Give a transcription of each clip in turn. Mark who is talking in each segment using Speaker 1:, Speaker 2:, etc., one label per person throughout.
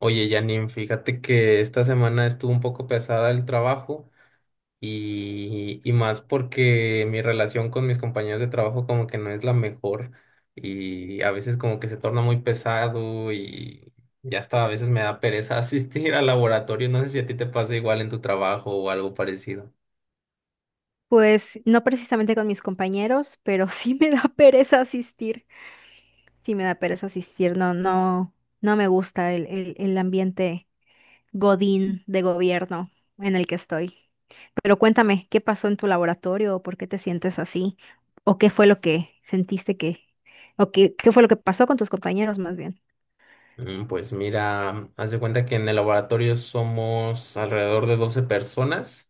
Speaker 1: Oye, Janine, fíjate que esta semana estuvo un poco pesada el trabajo y más porque mi relación con mis compañeros de trabajo como que no es la mejor y a veces como que se torna muy pesado y ya hasta a veces me da pereza asistir al laboratorio. No sé si a ti te pasa igual en tu trabajo o algo parecido.
Speaker 2: Pues no precisamente con mis compañeros, pero sí me da pereza asistir. Sí me da pereza asistir. No, no, no me gusta el ambiente godín de gobierno en el que estoy. Pero cuéntame, ¿qué pasó en tu laboratorio? ¿Por qué te sientes así? ¿O qué fue lo que sentiste o qué fue lo que pasó con tus compañeros más bien?
Speaker 1: Pues mira, haz de cuenta que en el laboratorio somos alrededor de 12 personas.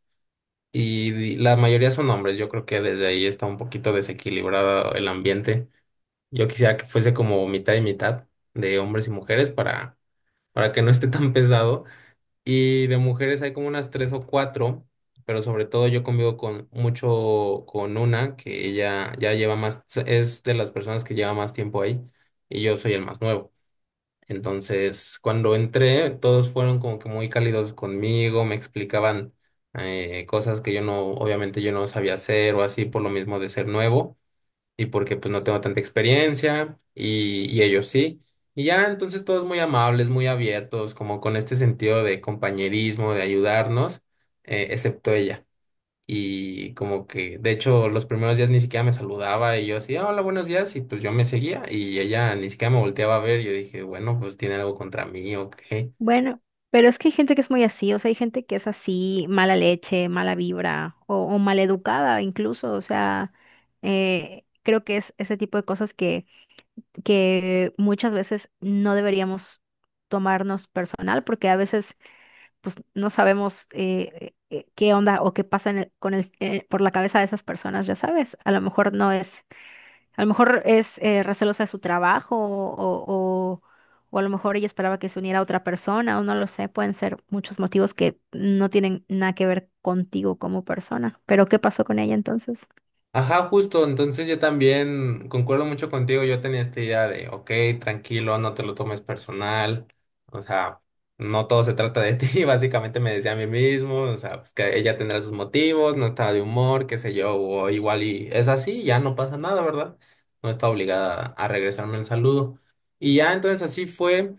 Speaker 1: Y la mayoría son hombres, yo creo que desde ahí está un poquito desequilibrado el ambiente. Yo quisiera que fuese como mitad y mitad de hombres y mujeres para que no esté tan pesado. Y de mujeres hay como unas tres o cuatro, pero sobre todo yo convivo con mucho con una que ella ya lleva más, es de las personas que lleva más tiempo ahí y yo soy el más nuevo. Entonces, cuando entré, todos fueron como que muy cálidos conmigo, me explicaban cosas que yo no, obviamente yo no sabía hacer o así por lo mismo de ser nuevo y porque pues no tengo tanta experiencia y ellos sí. Y ya entonces todos muy amables, muy abiertos, como con este sentido de compañerismo, de ayudarnos, excepto ella. Y como que, de hecho, los primeros días ni siquiera me saludaba y yo así, "Ah, hola, buenos días", y pues yo me seguía y ella ni siquiera me volteaba a ver. Yo dije, bueno, pues tiene algo contra mí o.
Speaker 2: Bueno, pero es que hay gente que es muy así, o sea, hay gente que es así, mala leche, mala vibra o maleducada incluso, o sea, creo que es ese tipo de cosas que muchas veces no deberíamos tomarnos personal porque a veces pues no sabemos qué onda o qué pasa en el- con el por la cabeza de esas personas, ya sabes, a lo mejor no es a lo mejor es recelosa de su trabajo o, o a lo mejor ella esperaba que se uniera a otra persona o no lo sé. Pueden ser muchos motivos que no tienen nada que ver contigo como persona. Pero ¿qué pasó con ella entonces?
Speaker 1: Ajá, justo, entonces yo también concuerdo mucho contigo, yo tenía esta idea de, ok, tranquilo, no te lo tomes personal, o sea, no todo se trata de ti, básicamente me decía a mí mismo, o sea, pues que ella tendrá sus motivos, no estaba de humor, qué sé yo, o igual y es así, ya no pasa nada, ¿verdad? No está obligada a regresarme el saludo. Y ya entonces así fue.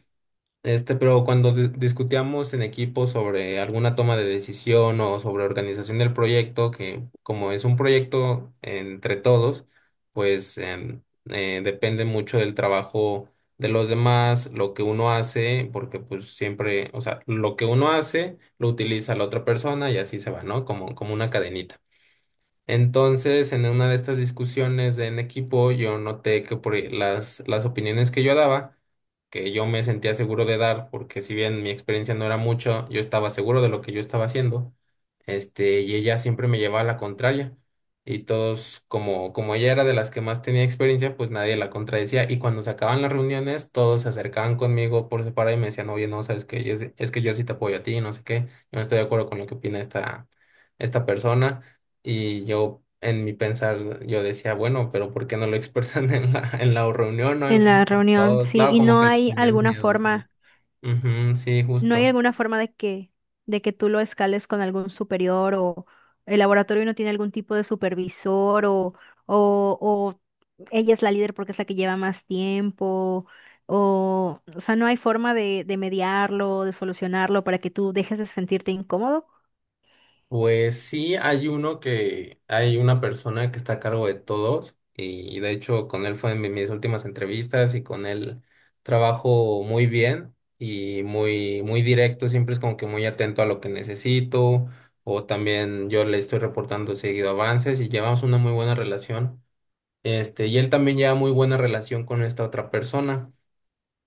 Speaker 1: Este, pero cuando discutíamos en equipo sobre alguna toma de decisión o sobre organización del proyecto, que como es un proyecto entre todos, pues depende mucho del trabajo de los demás, lo que uno hace, porque pues siempre, o sea, lo que uno hace lo utiliza la otra persona y así se va, ¿no? Como una cadenita. Entonces, en una de estas discusiones de en equipo, yo noté que por las opiniones que yo daba, que yo me sentía seguro de dar, porque si bien mi experiencia no era mucho, yo estaba seguro de lo que yo estaba haciendo, y ella siempre me llevaba a la contraria. Y todos, como ella era de las que más tenía experiencia, pues nadie la contradecía. Y cuando se acababan las reuniones, todos se acercaban conmigo por separado y me decían, oye, no, sabes que es, que yo sí te apoyo a ti, no sé qué, yo no estoy de acuerdo con lo que opina esta, persona. Y yo, en mi pensar, yo decía, bueno, pero ¿por qué no lo expresan en la reunión, no en
Speaker 2: En la
Speaker 1: frente de
Speaker 2: reunión,
Speaker 1: todos?
Speaker 2: sí.
Speaker 1: Claro,
Speaker 2: ¿Y
Speaker 1: como
Speaker 2: no
Speaker 1: que le
Speaker 2: hay
Speaker 1: tenían
Speaker 2: alguna
Speaker 1: miedo, güey.
Speaker 2: forma?
Speaker 1: Ujú, sí,
Speaker 2: ¿No hay
Speaker 1: justo.
Speaker 2: alguna forma de que tú lo escales con algún superior o el laboratorio no tiene algún tipo de supervisor o ella es la líder porque es la que lleva más tiempo? O sea, ¿no hay forma de mediarlo, de solucionarlo para que tú dejes de sentirte incómodo?
Speaker 1: Pues sí, hay uno que, hay una persona que está a cargo de todos y de hecho con él fue en mis últimas entrevistas y con él trabajo muy bien y muy, muy directo, siempre es como que muy atento a lo que necesito o también yo le estoy reportando seguido avances y llevamos una muy buena relación. Y él también lleva muy buena relación con esta otra persona.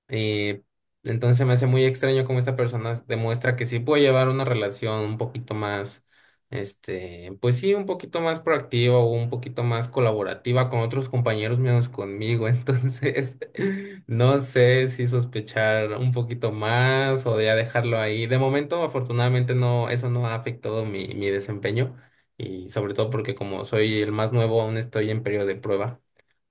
Speaker 1: eh, entonces me hace muy extraño cómo esta persona demuestra que sí puede llevar una relación un poquito más, pues sí, un poquito más proactiva o un poquito más colaborativa con otros compañeros menos conmigo. Entonces, no sé si sospechar un poquito más o ya dejarlo ahí. De momento, afortunadamente, no, eso no ha afectado mi desempeño. Y sobre todo porque como soy el más nuevo, aún estoy en periodo de prueba,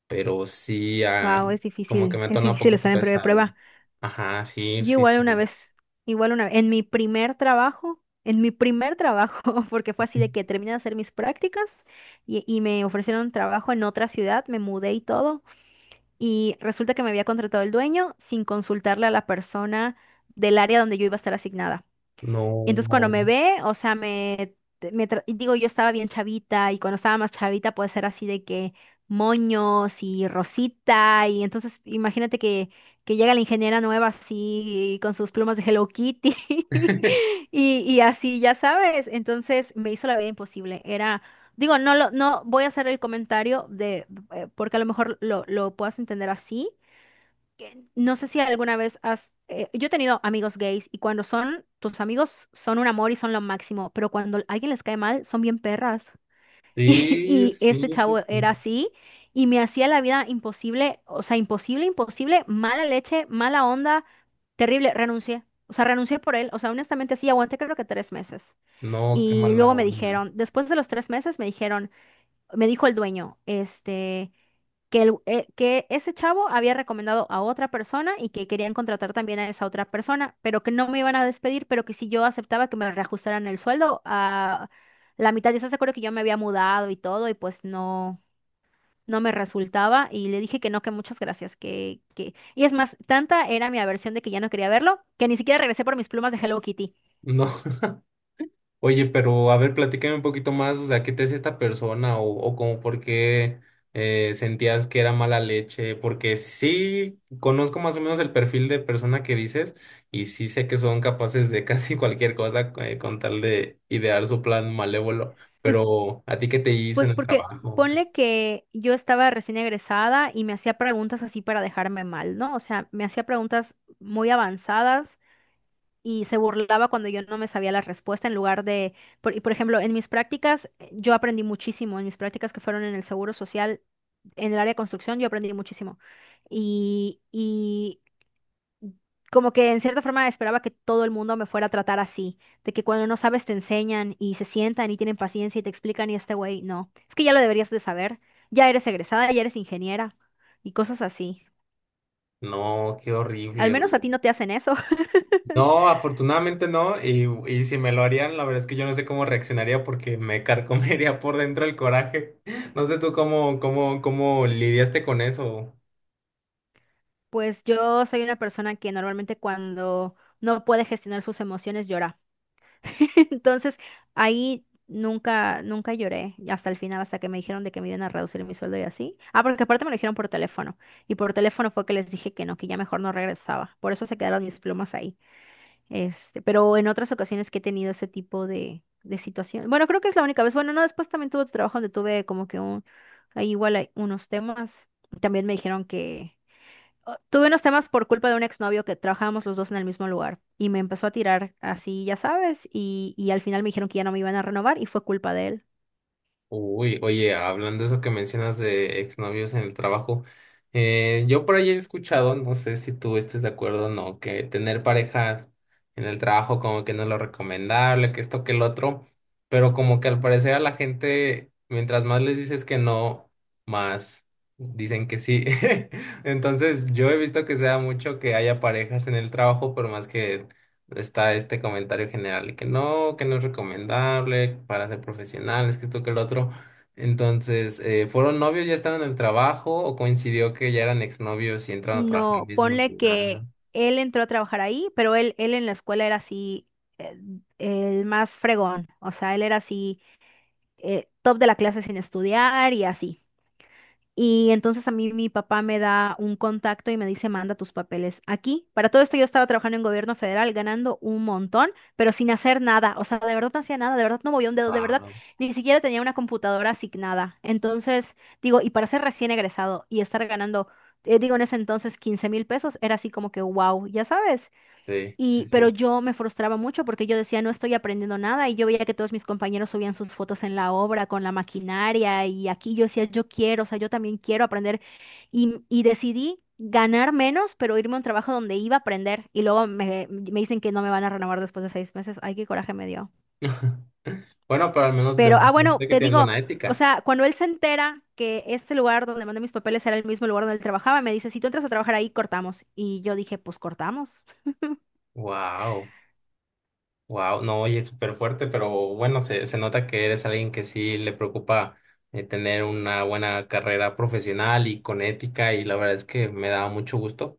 Speaker 1: pero sí,
Speaker 2: Wow,
Speaker 1: como que me ha
Speaker 2: es
Speaker 1: tornado un
Speaker 2: difícil
Speaker 1: poquito
Speaker 2: estar en prueba de
Speaker 1: pesado.
Speaker 2: prueba.
Speaker 1: Ajá, sí,
Speaker 2: Yo
Speaker 1: sí, sí.
Speaker 2: igual una vez, en mi primer trabajo, en mi primer trabajo, porque fue así de que terminé de hacer mis prácticas y me ofrecieron trabajo en otra ciudad, me mudé y todo, y resulta que me había contratado el dueño sin consultarle a la persona del área donde yo iba a estar asignada. Y entonces cuando
Speaker 1: No,
Speaker 2: me ve, o sea, me tra- y digo, yo estaba bien chavita y cuando estaba más chavita puede ser así de que moños y rosita y entonces imagínate que llega la ingeniera nueva así con sus plumas de Hello Kitty y así, ya sabes, entonces me hizo la vida imposible. Era, digo, no voy a hacer el comentario de, porque a lo mejor lo puedas entender así que no sé si alguna vez has... yo he tenido amigos gays y cuando son tus amigos son un amor y son lo máximo, pero cuando alguien les cae mal son bien perras.
Speaker 1: sí,
Speaker 2: Y, y este
Speaker 1: sí, sí,
Speaker 2: chavo
Speaker 1: sí.
Speaker 2: era así y me hacía la vida imposible, o sea, imposible, imposible, mala leche, mala onda, terrible, renuncié. O sea, renuncié por él, o sea, honestamente sí, aguanté creo que tres meses.
Speaker 1: No, qué
Speaker 2: Y
Speaker 1: mala
Speaker 2: luego me
Speaker 1: onda.
Speaker 2: dijeron, después de los tres meses me dijeron, me dijo el dueño, este que, el- que ese chavo había recomendado a otra persona y que querían contratar también a esa otra persona, pero que no me iban a despedir, pero que si yo aceptaba que me reajustaran el sueldo a la mitad, ya se acuerdo que yo me había mudado y todo y pues no, no me resultaba y le dije que no, que muchas gracias, que... Y es más, tanta era mi aversión de que ya no quería verlo, que ni siquiera regresé por mis plumas de Hello Kitty.
Speaker 1: No. Oye, pero a ver, platícame un poquito más, o sea, ¿qué te hace esta persona? O como por qué sentías que era mala leche, porque sí conozco más o menos el perfil de persona que dices y sí sé que son capaces de casi cualquier cosa, con tal de idear su plan malévolo, pero ¿a ti qué te hizo en
Speaker 2: Pues
Speaker 1: el
Speaker 2: porque
Speaker 1: trabajo?
Speaker 2: ponle que yo estaba recién egresada y me hacía preguntas así para dejarme mal, ¿no? O sea, me hacía preguntas muy avanzadas y se burlaba cuando yo no me sabía la respuesta en lugar y por ejemplo, en mis prácticas yo aprendí muchísimo, en mis prácticas que fueron en el Seguro Social, en el área de construcción, yo aprendí muchísimo. Y, como que en cierta forma esperaba que todo el mundo me fuera a tratar así, de que cuando no sabes te enseñan y se sientan y tienen paciencia y te explican y este güey, no, es que ya lo deberías de saber, ya eres egresada, ya eres ingeniera y cosas así.
Speaker 1: No, qué
Speaker 2: Al
Speaker 1: horrible.
Speaker 2: menos a ti no te hacen eso.
Speaker 1: No, afortunadamente no. Y si me lo harían, la verdad es que yo no sé cómo reaccionaría porque me carcomería por dentro el coraje. No sé tú cómo lidiaste con eso.
Speaker 2: Pues yo soy una persona que normalmente cuando no puede gestionar sus emociones llora. Entonces, ahí nunca, nunca lloré hasta el final, hasta que me dijeron de que me iban a reducir mi sueldo y así. Ah, porque aparte me lo dijeron por teléfono. Y por teléfono fue que les dije que no, que ya mejor no regresaba. Por eso se quedaron mis plumas ahí. Este, pero en otras ocasiones que he tenido ese tipo de situación. Bueno, creo que es la única vez. Bueno, no, después también tuve otro trabajo donde tuve como que ahí igual hay unos temas. También me dijeron que o- tuve unos temas por culpa de un exnovio que trabajábamos los dos en el mismo lugar y me empezó a tirar así, ya sabes, y al final me dijeron que ya no me iban a renovar y fue culpa de él.
Speaker 1: Uy, oye, hablando de eso que mencionas de exnovios en el trabajo, yo por ahí he escuchado, no sé si tú estés de acuerdo o no, que tener parejas en el trabajo como que no es lo recomendable, que esto, que el otro, pero como que al parecer a la gente, mientras más les dices que no, más dicen que sí. Entonces, yo he visto que se da mucho que haya parejas en el trabajo, por más que está este comentario general de que no es recomendable para ser profesionales, que esto, que el otro. Entonces, ¿fueron novios, ya estaban en el trabajo o coincidió que ya eran exnovios y entraron a trabajar en el
Speaker 2: No,
Speaker 1: mismo
Speaker 2: ponle
Speaker 1: lugar?
Speaker 2: que él entró a trabajar ahí, pero él en la escuela era así, eh, el más fregón, o sea, él era así, top de la clase sin estudiar y así. Y entonces a mí mi papá me da un contacto y me dice, manda tus papeles aquí. Para todo esto yo estaba trabajando en gobierno federal, ganando un montón, pero sin hacer nada. O sea, de verdad no hacía nada, de verdad no movía un dedo, de verdad
Speaker 1: Wow,
Speaker 2: ni siquiera tenía una computadora asignada. Entonces, digo, y para ser recién egresado y estar ganando, digo, en ese entonces 15,000 pesos, era así como que, wow, ya sabes.
Speaker 1: sí, sí,
Speaker 2: Y, pero
Speaker 1: sí.
Speaker 2: yo me frustraba mucho porque yo decía, no estoy aprendiendo nada y yo veía que todos mis compañeros subían sus fotos en la obra con la maquinaria y aquí yo decía, yo quiero, o sea, yo también quiero aprender y decidí ganar menos, pero irme a un trabajo donde iba a aprender y luego me dicen que no me van a renovar después de 6 meses. Ay, qué coraje me dio.
Speaker 1: Bueno, pero al menos
Speaker 2: Pero, ah, bueno,
Speaker 1: demostraste que
Speaker 2: te
Speaker 1: tienes
Speaker 2: digo,
Speaker 1: buena
Speaker 2: o
Speaker 1: ética.
Speaker 2: sea, cuando él se entera que este lugar donde mandé mis papeles era el mismo lugar donde él trabajaba, me dice, si tú entras a trabajar ahí, cortamos. Y yo dije, pues cortamos,
Speaker 1: Wow, wow, no, oye, súper fuerte, pero bueno, se nota que eres alguien que sí le preocupa, tener una buena carrera profesional y con ética y la verdad es que me da mucho gusto.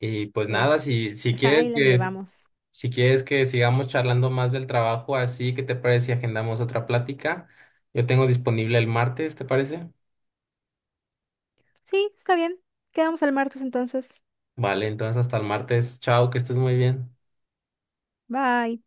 Speaker 1: Y pues
Speaker 2: pues,
Speaker 1: nada,
Speaker 2: pues ahí la llevamos.
Speaker 1: si quieres que sigamos charlando más del trabajo, así, ¿qué te parece si agendamos otra plática? Yo tengo disponible el martes, ¿te parece?
Speaker 2: Sí, está bien. Quedamos el martes entonces.
Speaker 1: Vale, entonces hasta el martes. Chao, que estés muy bien.
Speaker 2: Bye.